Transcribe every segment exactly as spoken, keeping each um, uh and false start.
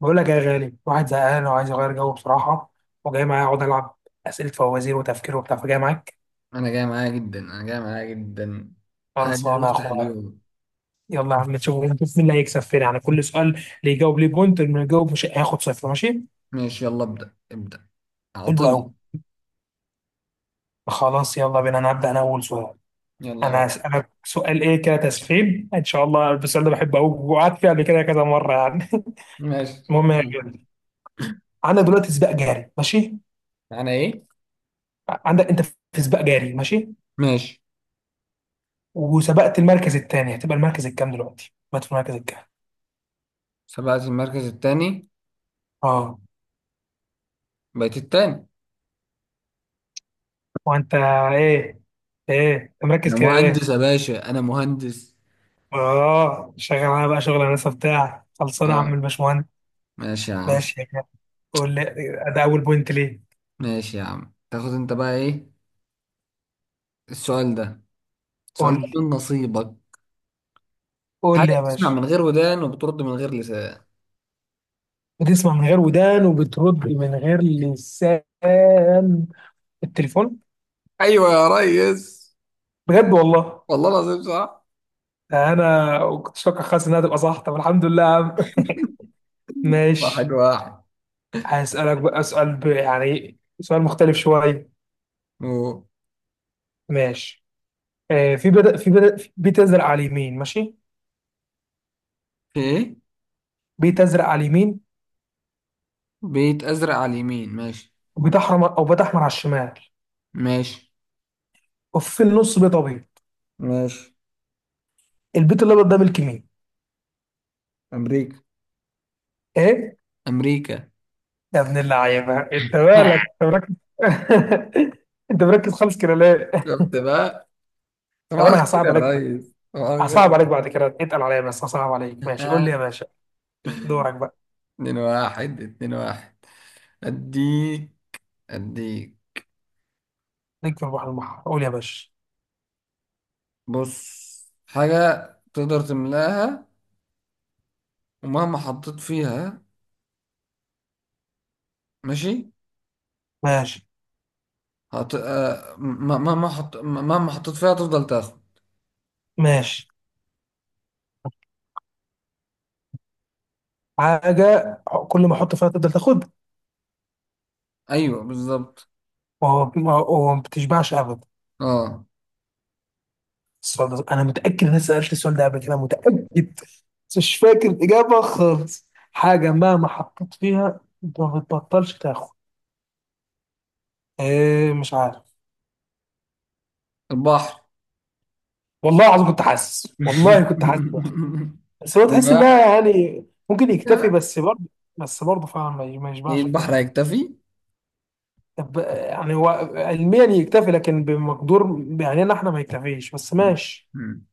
بقول لك يا غالي، واحد زهقان وعايز يغير جو بصراحة. وجاي معايا اقعد العب أسئلة فوازير وتفكير وبتاع، فجاي معاك. انا جاي معايا جدا، انا جاي معايا جدا حاجة خلصانة يا افتح اخويا. اليوم. يلا يا عم، نشوف نشوف مين اللي هيكسب فين، يعني كل سؤال اللي يجاوب ليه بوينت، اللي ما يجاوب مش هياخد صفر، ماشي؟ ماشي، يلا ابدأ ابدأ. حلو قوي. اعطني. خلاص يلا بينا، انا هبدأ، انا اول سؤال. يلا يا انا باشا. هسألك سؤال، ايه كده تسخين ان شاء الله. السؤال ده بحبه قوي وقعدت فيه قبل كده كذا مرة يعني. ماشي. المهم يا غالي، عندك دلوقتي سباق جاري، ماشي؟ انا ايه؟ عندك انت في سباق جاري، ماشي؟ ماشي. وسبقت المركز الثاني، هتبقى المركز الكام دلوقتي؟ بقت في المركز الكام؟ سبقت المركز التاني. اه. بقيت التاني. وانت. ايه. ايه انت مركز انا كده مهندس ليه؟ يا باشا، انا مهندس. اه شغال. انا بقى شغل هندسه بتاع، خلصانه يا عم اه. الباشمهندس. ماشي يا عم. ماشي يا كده. قول لي. ده اول بوينت ليه. ماشي يا عم، تاخد انت بقى ايه؟ السؤال ده السؤال قول ده لي. من نصيبك. قول لي حاجة يا بتسمع باشا. من غير ودان وبترد من غير لسان. بتسمع من غير ودان وبترد من غير لسان. التليفون. ايوه يا ريس. بجد والله؟ والله العظيم صح. ده انا كنت فاكر خالص انها تبقى صح، طب الحمد لله يا عم. واحد ماشي. واحد. هسألك بقى سؤال ب- يعني سؤال مختلف شويه. أوه. ماشي. آه، في بدأ في بدأ في بيت يزرع على اليمين، ماشي؟ في ايه؟ بيت ازرق على اليمين. بيت ازرق على اليمين ماشي. وبيت احمر، او بيت احمر على الشمال. ماشي. وفي النص بيت ابيض. ماشي. البيت الابيض ده ملك مين؟ أمريكا. ايه؟ امريكا. يا ابن اللعيبه، انت مالك؟ انت مركز. انت مركز خالص كده ليه؟ شفت بقى. طب صباح انا الخير هصعب يا عليك بعد. ريس، صباح هصعب الخير. عليك بعد كده، اتقل عليا بس هصعب عليك، ماشي؟ قول لي يا باشا. دورك بقى. اتنين واحد، اتنين واحد. اديك اديك. ليك في البحر المحر، قول يا باشا. بص. حاجة تقدر تملاها، ومهما حطيت فيها. ماشي. ماشي. هت... آه، م- مهما حط... مهما حطيت فيها تفضل تاخد. ماشي. حاجه. كل ما احط فيها تفضل تاخد. ايوه بالظبط. ما هو ما هو ما بتشبعش ابدا. اه، السؤال ده انا متاكد ان انا سالت السؤال ده قبل كده، متاكد. بس مش فاكر الاجابه خالص. حاجه مهما حطيت فيها ما بتبطلش تاخد. إيه، مش عارف. البحر. والله العظيم كنت حاسس، والله كنت حاسس. بس هو اتنين تحس واحد. انها يعني ممكن يكتفي، بس برضه. بس برضه فعلا ما ما إيه، يشبعش فعلا. البحر هيكتفي؟ طب آه، يعني هو، علميا يكتفي، لكن بمقدور يعني إن احنا ما يكتفيش، بس مم. ماشي. مم.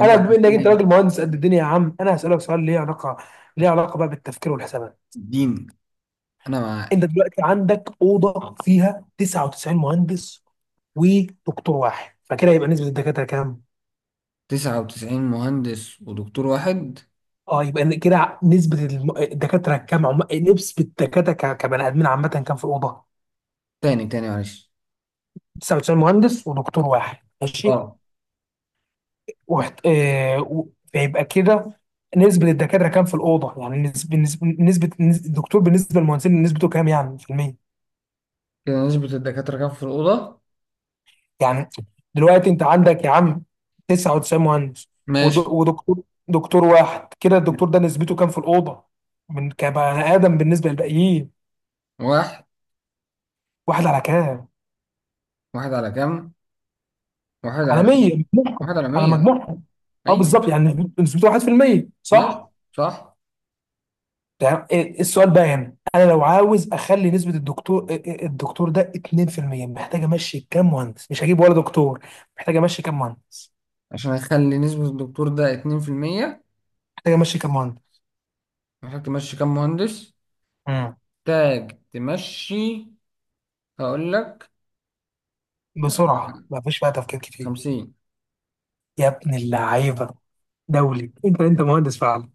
انا بما عن انك انت إيه؟ راجل مهندس قد الدنيا يا عم، انا هسالك سؤال ليه علاقه، ليه علاقه بقى بالتفكير والحسابات. الدين. أنا مع. انت دلوقتي عندك اوضه فيها تسعة وتسعين مهندس ودكتور واحد، فكده يبقى نسبه الدكاتره كام؟ تسعة وتسعين مهندس ودكتور واحد. اه، يبقى إن كده نسبه الم- الدكاتره كام عم... نسبه الدكاتره ك... كبني ادمين عامه كام في الاوضه؟ تاني تاني معلش. تسعة وتسعين مهندس ودكتور واحد، ماشي؟ اه. وحت... آه... و... فيبقى كده نسبه الدكاتره كام في الاوضه؟ يعني نسبه نسبه نسبة- الدكتور بالنسبه للمهندسين نسبته كام يعني في المية؟ كده نسبة الدكاترة كام في الأوضة؟ يعني دلوقتي انت عندك يا عم تسعة وتسعين مهندس، ود- ماشي. ودكتور، دكتور واحد. كده الدكتور مم. ده نسبته كام في الاوضه، من كبني ادم بالنسبه للباقيين؟ واحد. واحد على كام؟ واحد على كام؟ واحد على على مية. مية، مجموعهم، واحد على على مية. مجموعهم. اه أيوة. بالظبط، يعني نسبته واحد في المية، ماشي. صح. صح. ده ايه- إيه السؤال بقى هنا، انا لو عاوز اخلي نسبه الدكتور ايه- ايه- الدكتور ده اتنين في المية، محتاج امشي كام مهندس، مش هجيب ولا دكتور. محتاج امشي كام مهندس. عشان أخلي نسبة الدكتور ده اتنين في المية. محتاج امشي كام مهندس. محتاج تمشي كام مهندس؟ امم. محتاج تمشي. هقول لك. بسرعه، آه، ما فيش بقى تفكير كتير. خمسين. يا ابن اللعيبه! دولي انت انت مهندس فعلا.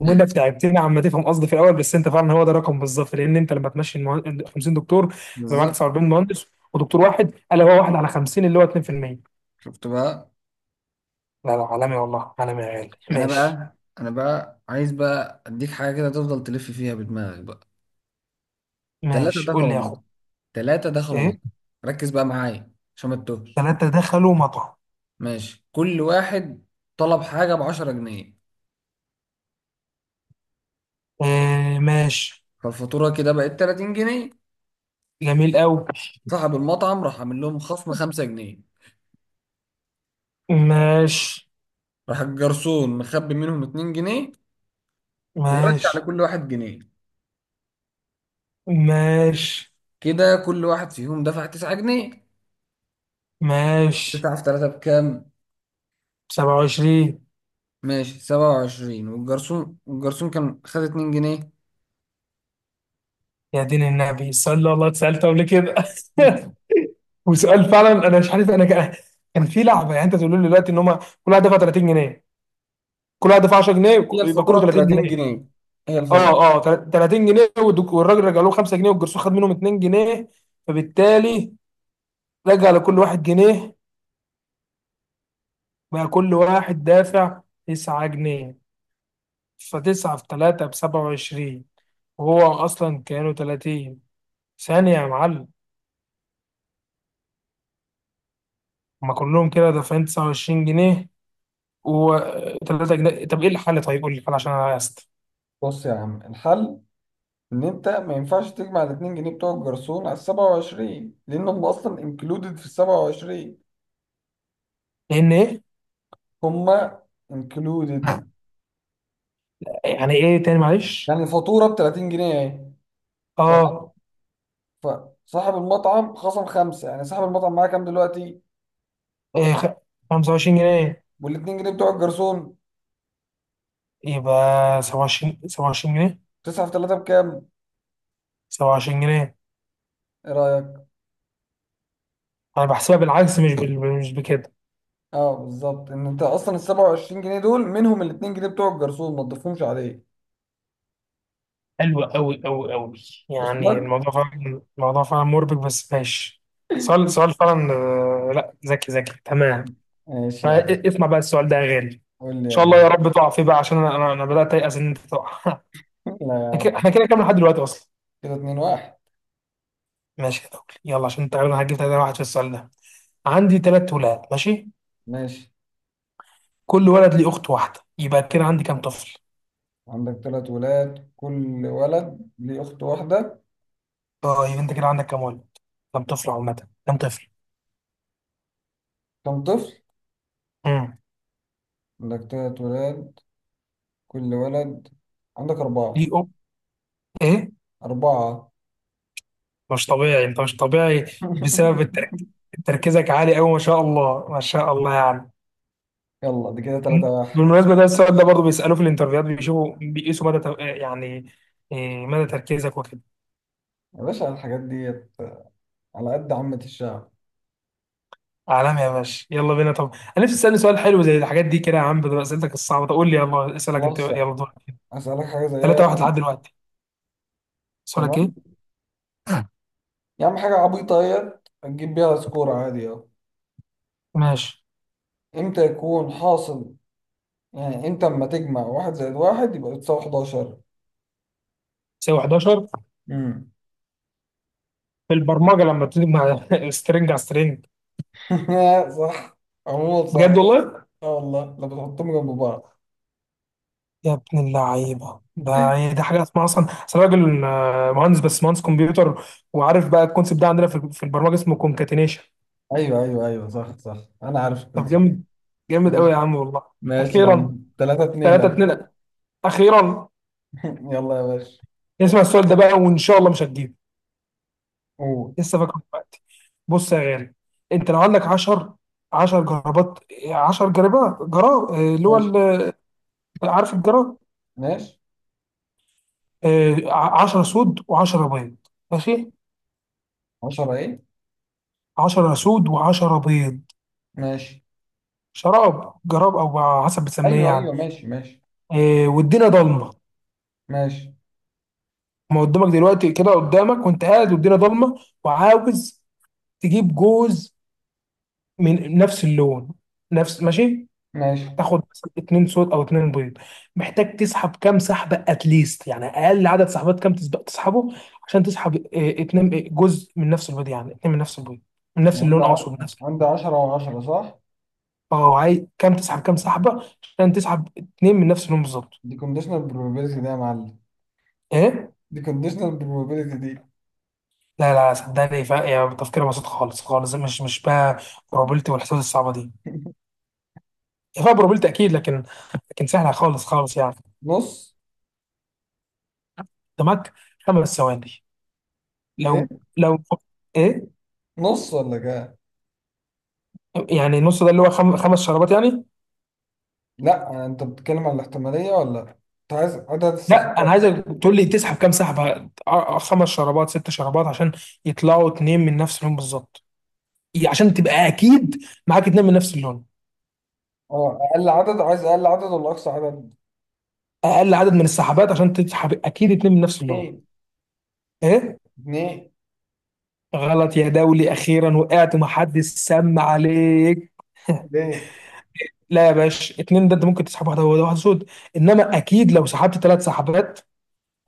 وانك تعبتني عم تفهم قصدي في الاول، بس انت فعلا هو ده الرقم بالظبط، لان انت لما تمشي المهن- خمسين دكتور يبقى معاك بالظبط. تسعة واربعين مهندس، ودكتور واحد، قال هو واحد على خمسين اللي هو اتنين في المية. شفت بقى. لا لا، عالمي والله، عالمي يا غالي، انا ماشي. بقى انا بقى عايز بقى اديك حاجه كده تفضل تلف فيها بدماغك بقى. ثلاثه ماشي قول دخلوا لي يا اخو. مصر، ثلاثه دخلوا مصر. ايه. ركز بقى معايا عشان ما تتوهش. ثلاثه دخلوا مطعم. ماشي، كل واحد طلب حاجه ب عشرة جنيه. إيه ماشي. فالفاتوره كده بقت تلاتين جنيه. جميل قوي. صاحب المطعم راح عامل لهم خصم خمسة جنيه. ماشي. راح الجرسون مخبي منهم اتنين جنيه، ورجع ماشي. لكل واحد جنيه. ماشي. كده كل واحد فيهم دفع تسعة جنيه. ماشي. تسعة في تلاتة بكام؟ سبعة وعشرين. ماشي، سبعة وعشرين. والجرسون، الجرسون كان خد اتنين جنيه. يا دين النبي، السؤال ده والله اتسألته قبل كده. وسؤال فعلا، انا مش عارف، انا كان كان في لعبه، يعني انت تقول لي دلوقتي ان هم كل واحد دفع تلاتين جنيه. كل واحد دفع عشر جنيه، هي وك- يبقى الفاتورة كله ب 30 30 جنيه جنيه هي اه الفاتورة اه تل- تلاتين جنيه، والدك- والراجل رجع له خمسة جنيه، والجرسون خد منهم اتنين جنيه، فبالتالي رجع لكل واحد جنيه. بقى كل واحد دافع تسعة جنيه، ف9 في تلاتة ب سبعة وعشرين. وهو اصلا كانوا تلاتين. ثانيه يا معلم. هما كلهم كده دافعين تسعة وعشرين جنيه، وثلاثة أجنبي. طب إيه الحل؟ طيب قول لي الحل عشان أنا عايز. بص يا عم، الحل ان انت ما ينفعش تجمع ال اتنين جنيه بتوع الجرسون على ال سبعة وعشرين، لان هم اصلا انكلودد في ال سبعة وعشرين. لأن إيه؟ هم انكلودد. يعني إيه، تاني معلش. يعني الفاتوره ب تلاتين جنيه اهي. تمام. أه. فصاحب المطعم خصم خمسه، يعني صاحب المطعم معاه كام دلوقتي؟ إيه خ... خمسة وعشرين جنيه، وال اتنين جنيه بتوع الجرسون. يبقى سبعة وعشرين. سبعة وعشرين جنيه. تسعة في تلاتة بكام؟ سبعة وعشرين جنيه. ايه رايك؟ أنا بحسبها بالعكس، مش بال... مش بكده. اه بالظبط، ان انت اصلا ال سبعة وعشرين جنيه دول منهم ال اتنين جنيه بتوع الجرسون، ما تضيفهمش عليه. حلو أوي أوي أوي. وصل يعني لك؟ الموضوع فعلا الموضوع فعلا مربك، بس ماشي. سؤال سؤال فعلا، آه، لا، ذكي ذكي تمام. ماشي يا آه، عم. إ- اسمع بقى السؤال ده يا غالي، ان قول لي يا شاء الله يا غالي. رب تقع فيه بقى، عشان انا انا أنا بدات ايأس ان انت تقع. لا يا احنا كده عم. إحنا كده كام لحد دلوقتي اصلا؟ كده اتنين واحد. ماشي يا دولي، يلا عشان تقريبا هجيب تلاتة واحد في السؤال ده. عندي تلات ولاد، ماشي؟ ماشي. كل ولد ليه أخت واحدة، يبقى كده عندي كام طفل؟ عندك تلات ولاد، كل ولد ليه أخت واحدة. طيب أنت كده عندك كام ولد؟ كام طفل عامة؟ كام طفل؟ كم طفل؟ امم. عندك تلات ولاد، كل ولد. عندك أربعة. ليه أخت. إيه؟ أربعة. مش طبيعي، أنت مش طبيعي. بسبب الترك... تركيزك عالي أوي، ما شاء الله ما شاء الله يعني. يلا دي كده تلاتة واحد. بالمناسبة ده السؤال ده برضه بيسألوه في الانترفيوهات، بيشوفوا بيقيسوا مدى تو- يعني إيه، مدى تركيزك وكده. يا باشا، الحاجات دي على قد عامة الشعب. عالمي يا باشا، يلا بينا طب. انا نفسي تسالني سؤال حلو زي الحاجات دي كده يا عم، بدل اسئلتك الصعبه. طب قول لي، يلا اسالك انت، خلاص يعني. يلا دورك. أسألك حاجة زيها. ثلاثة واحد لحد دلوقتي. سؤالك تمام. ايه؟ يا عم، حاجة عبيطة اهيت هتجيب بيها سكور عادي اهو. ماشي. امتى يكون حاصل، يعني انت اما تجمع واحد زائد واحد يبقى بتساوي حداشر؟ تساوي احد عشر. امم في البرمجه لما بتيجي مع سترنج على سترنج. صح. عموما صح. بجد والله. اه والله لو بتحطهم جنب بعض. يا ابن اللعيبه، ده يعني ده حاجه اسمها اصلا، اصل راجل آه، مهندس، بس مهندس كمبيوتر. وعارف بقى الكونسيبت ده عندنا في في البرمجه اسمه كونكاتينيشن. ايوه ايوه ايوه، صح صح. انا عارف كنت. طب جامد. جامد قوي يا ماشي. عم والله. ماشي يا اخيرا! عم. تلاتة تلاتة اتنين. اتنين. اخيرا. يلا يا باشا. اسمع السؤال ده بقى، وان شاء الله مش هتجيبه. قول. لسه فاكره دلوقتي. بص يا غالي، انت لو عندك عشرة، عشرة جرابات، عشرة جرابات، جراب آه، اللي هو ماشي. ال- عارف الجراب، ماشي. عشرة سود و10 بيض، ماشي؟ عشرة ايه؟ عشر سود و10 بيض، ماشي. شراب، جراب، او على حسب بتسميه ايوه ايوه، يعني، ماشي ماشي آه، والدنيا ضلمه. ماشي ما قدامك دلوقتي، كده قدامك وانت قاعد والدنيا ضلمه، وعاوز تجيب جوز من نفس اللون، نفس، ماشي؟ ماشي. تاخد مثلا اتنين صوت او اتنين بيض، محتاج تسحب كام سحبه اتليست، يعني اقل عدد سحبات كام تسبق تسحبه عشان تسحب اه، اتنين اه، جزء من نفس البيض، يعني اتنين من نفس البيض، من نفس عندي اللون، ع- اقصد من نفس. عندي عشرة و10. صح. اه، عايز كام تسحب كام سحبه عشان تسحب اتنين من نفس اللون بالظبط؟ دي كونديشنال بروبابيلتي ده يا معلم. ايه. دي كونديشنال بروبابيلتي دي. لا لا صدقني، فا يا تفكير بسيط خالص خالص، مش مش بقى بروبابيلتي والحسابات الصعبه دي. هي فيها بروبابيلتي اكيد، لكن لكن سهله خالص خالص يعني. نص. قدامك خمس ثواني. ايه؟ لو، لو، ايه. نص ولا كام؟ يعني النص ده اللي هو خم... خمس شرابات يعني. لا، انت بتتكلم عن الاحتماليه ولا انت عايز عدد لا، انا السحبات؟ عايزك تقول لي تسحب كام سحبه، أ- أ- خمس شرابات ست شرابات عشان يطلعوا اتنين من نفس اللون بالظبط. ي- عشان تبقى اكيد معاك اتنين من نفس اللون. اه، اقل عدد. عايز اقل عدد ولا اقصى عدد؟ اقل عدد من السحبات عشان تسحب اكيد اتنين من نفس اللون. اتنين. ايه. اتنين. غلط يا دولي، اخيرا وقعت ومحدش سمع عليك. ليه؟ لا يا باشا، اتنين ده انت ممكن تسحب واحده واحده واحده سود. انما اكيد لو سحبت ثلاث سحبات،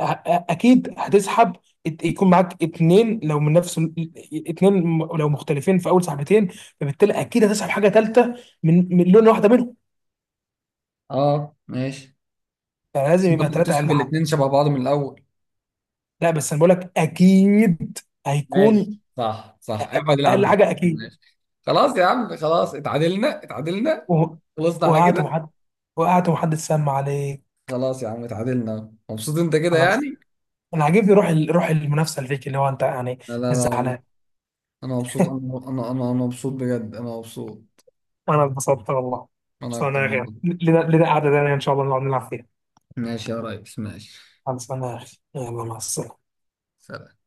اكيد هتسحب، ات- يكون معاك اتنين لو من نفس ال- اتنين م- لو مختلفين في اول سحبتين، فبالتالي اكيد هتسحب حاجه ثالثه من من لون واحده منهم. اه ماشي. يعني لازم بس انت يبقى ممكن ثلاثه تسحب اقل حاجه. الاتنين شبه بعض من الاول. لا بس انا بقول لك اكيد هيكون ماشي، صح صح. أقل اقعد العب أقل بك. حاجه اكيد. ماشي. خلاص يا عم، خلاص. اتعادلنا اتعادلنا. و- خلصنا على وقعت كده. ومحد وقعت ومحدش سمع عليك. خلاص يا عم، اتعادلنا. مبسوط انت كده خلاص. يعني؟ انا عاجبني روح ال- روح المنافسه اللي فيك، اللي هو انت يعني. لا لا مش لا، زعلان. والله انا مبسوط. انا انا انا, أنا مبسوط بجد. انا مبسوط. انا اتبسطت والله. انا خلصانه اكتر يا اخي، والله. لنا لنا قعده تانيه ان شاء الله نقعد نلعب فيها. ماشي يا ريس، ماشي. خلصانه يا اخي، يلا مع السلامه. سلام.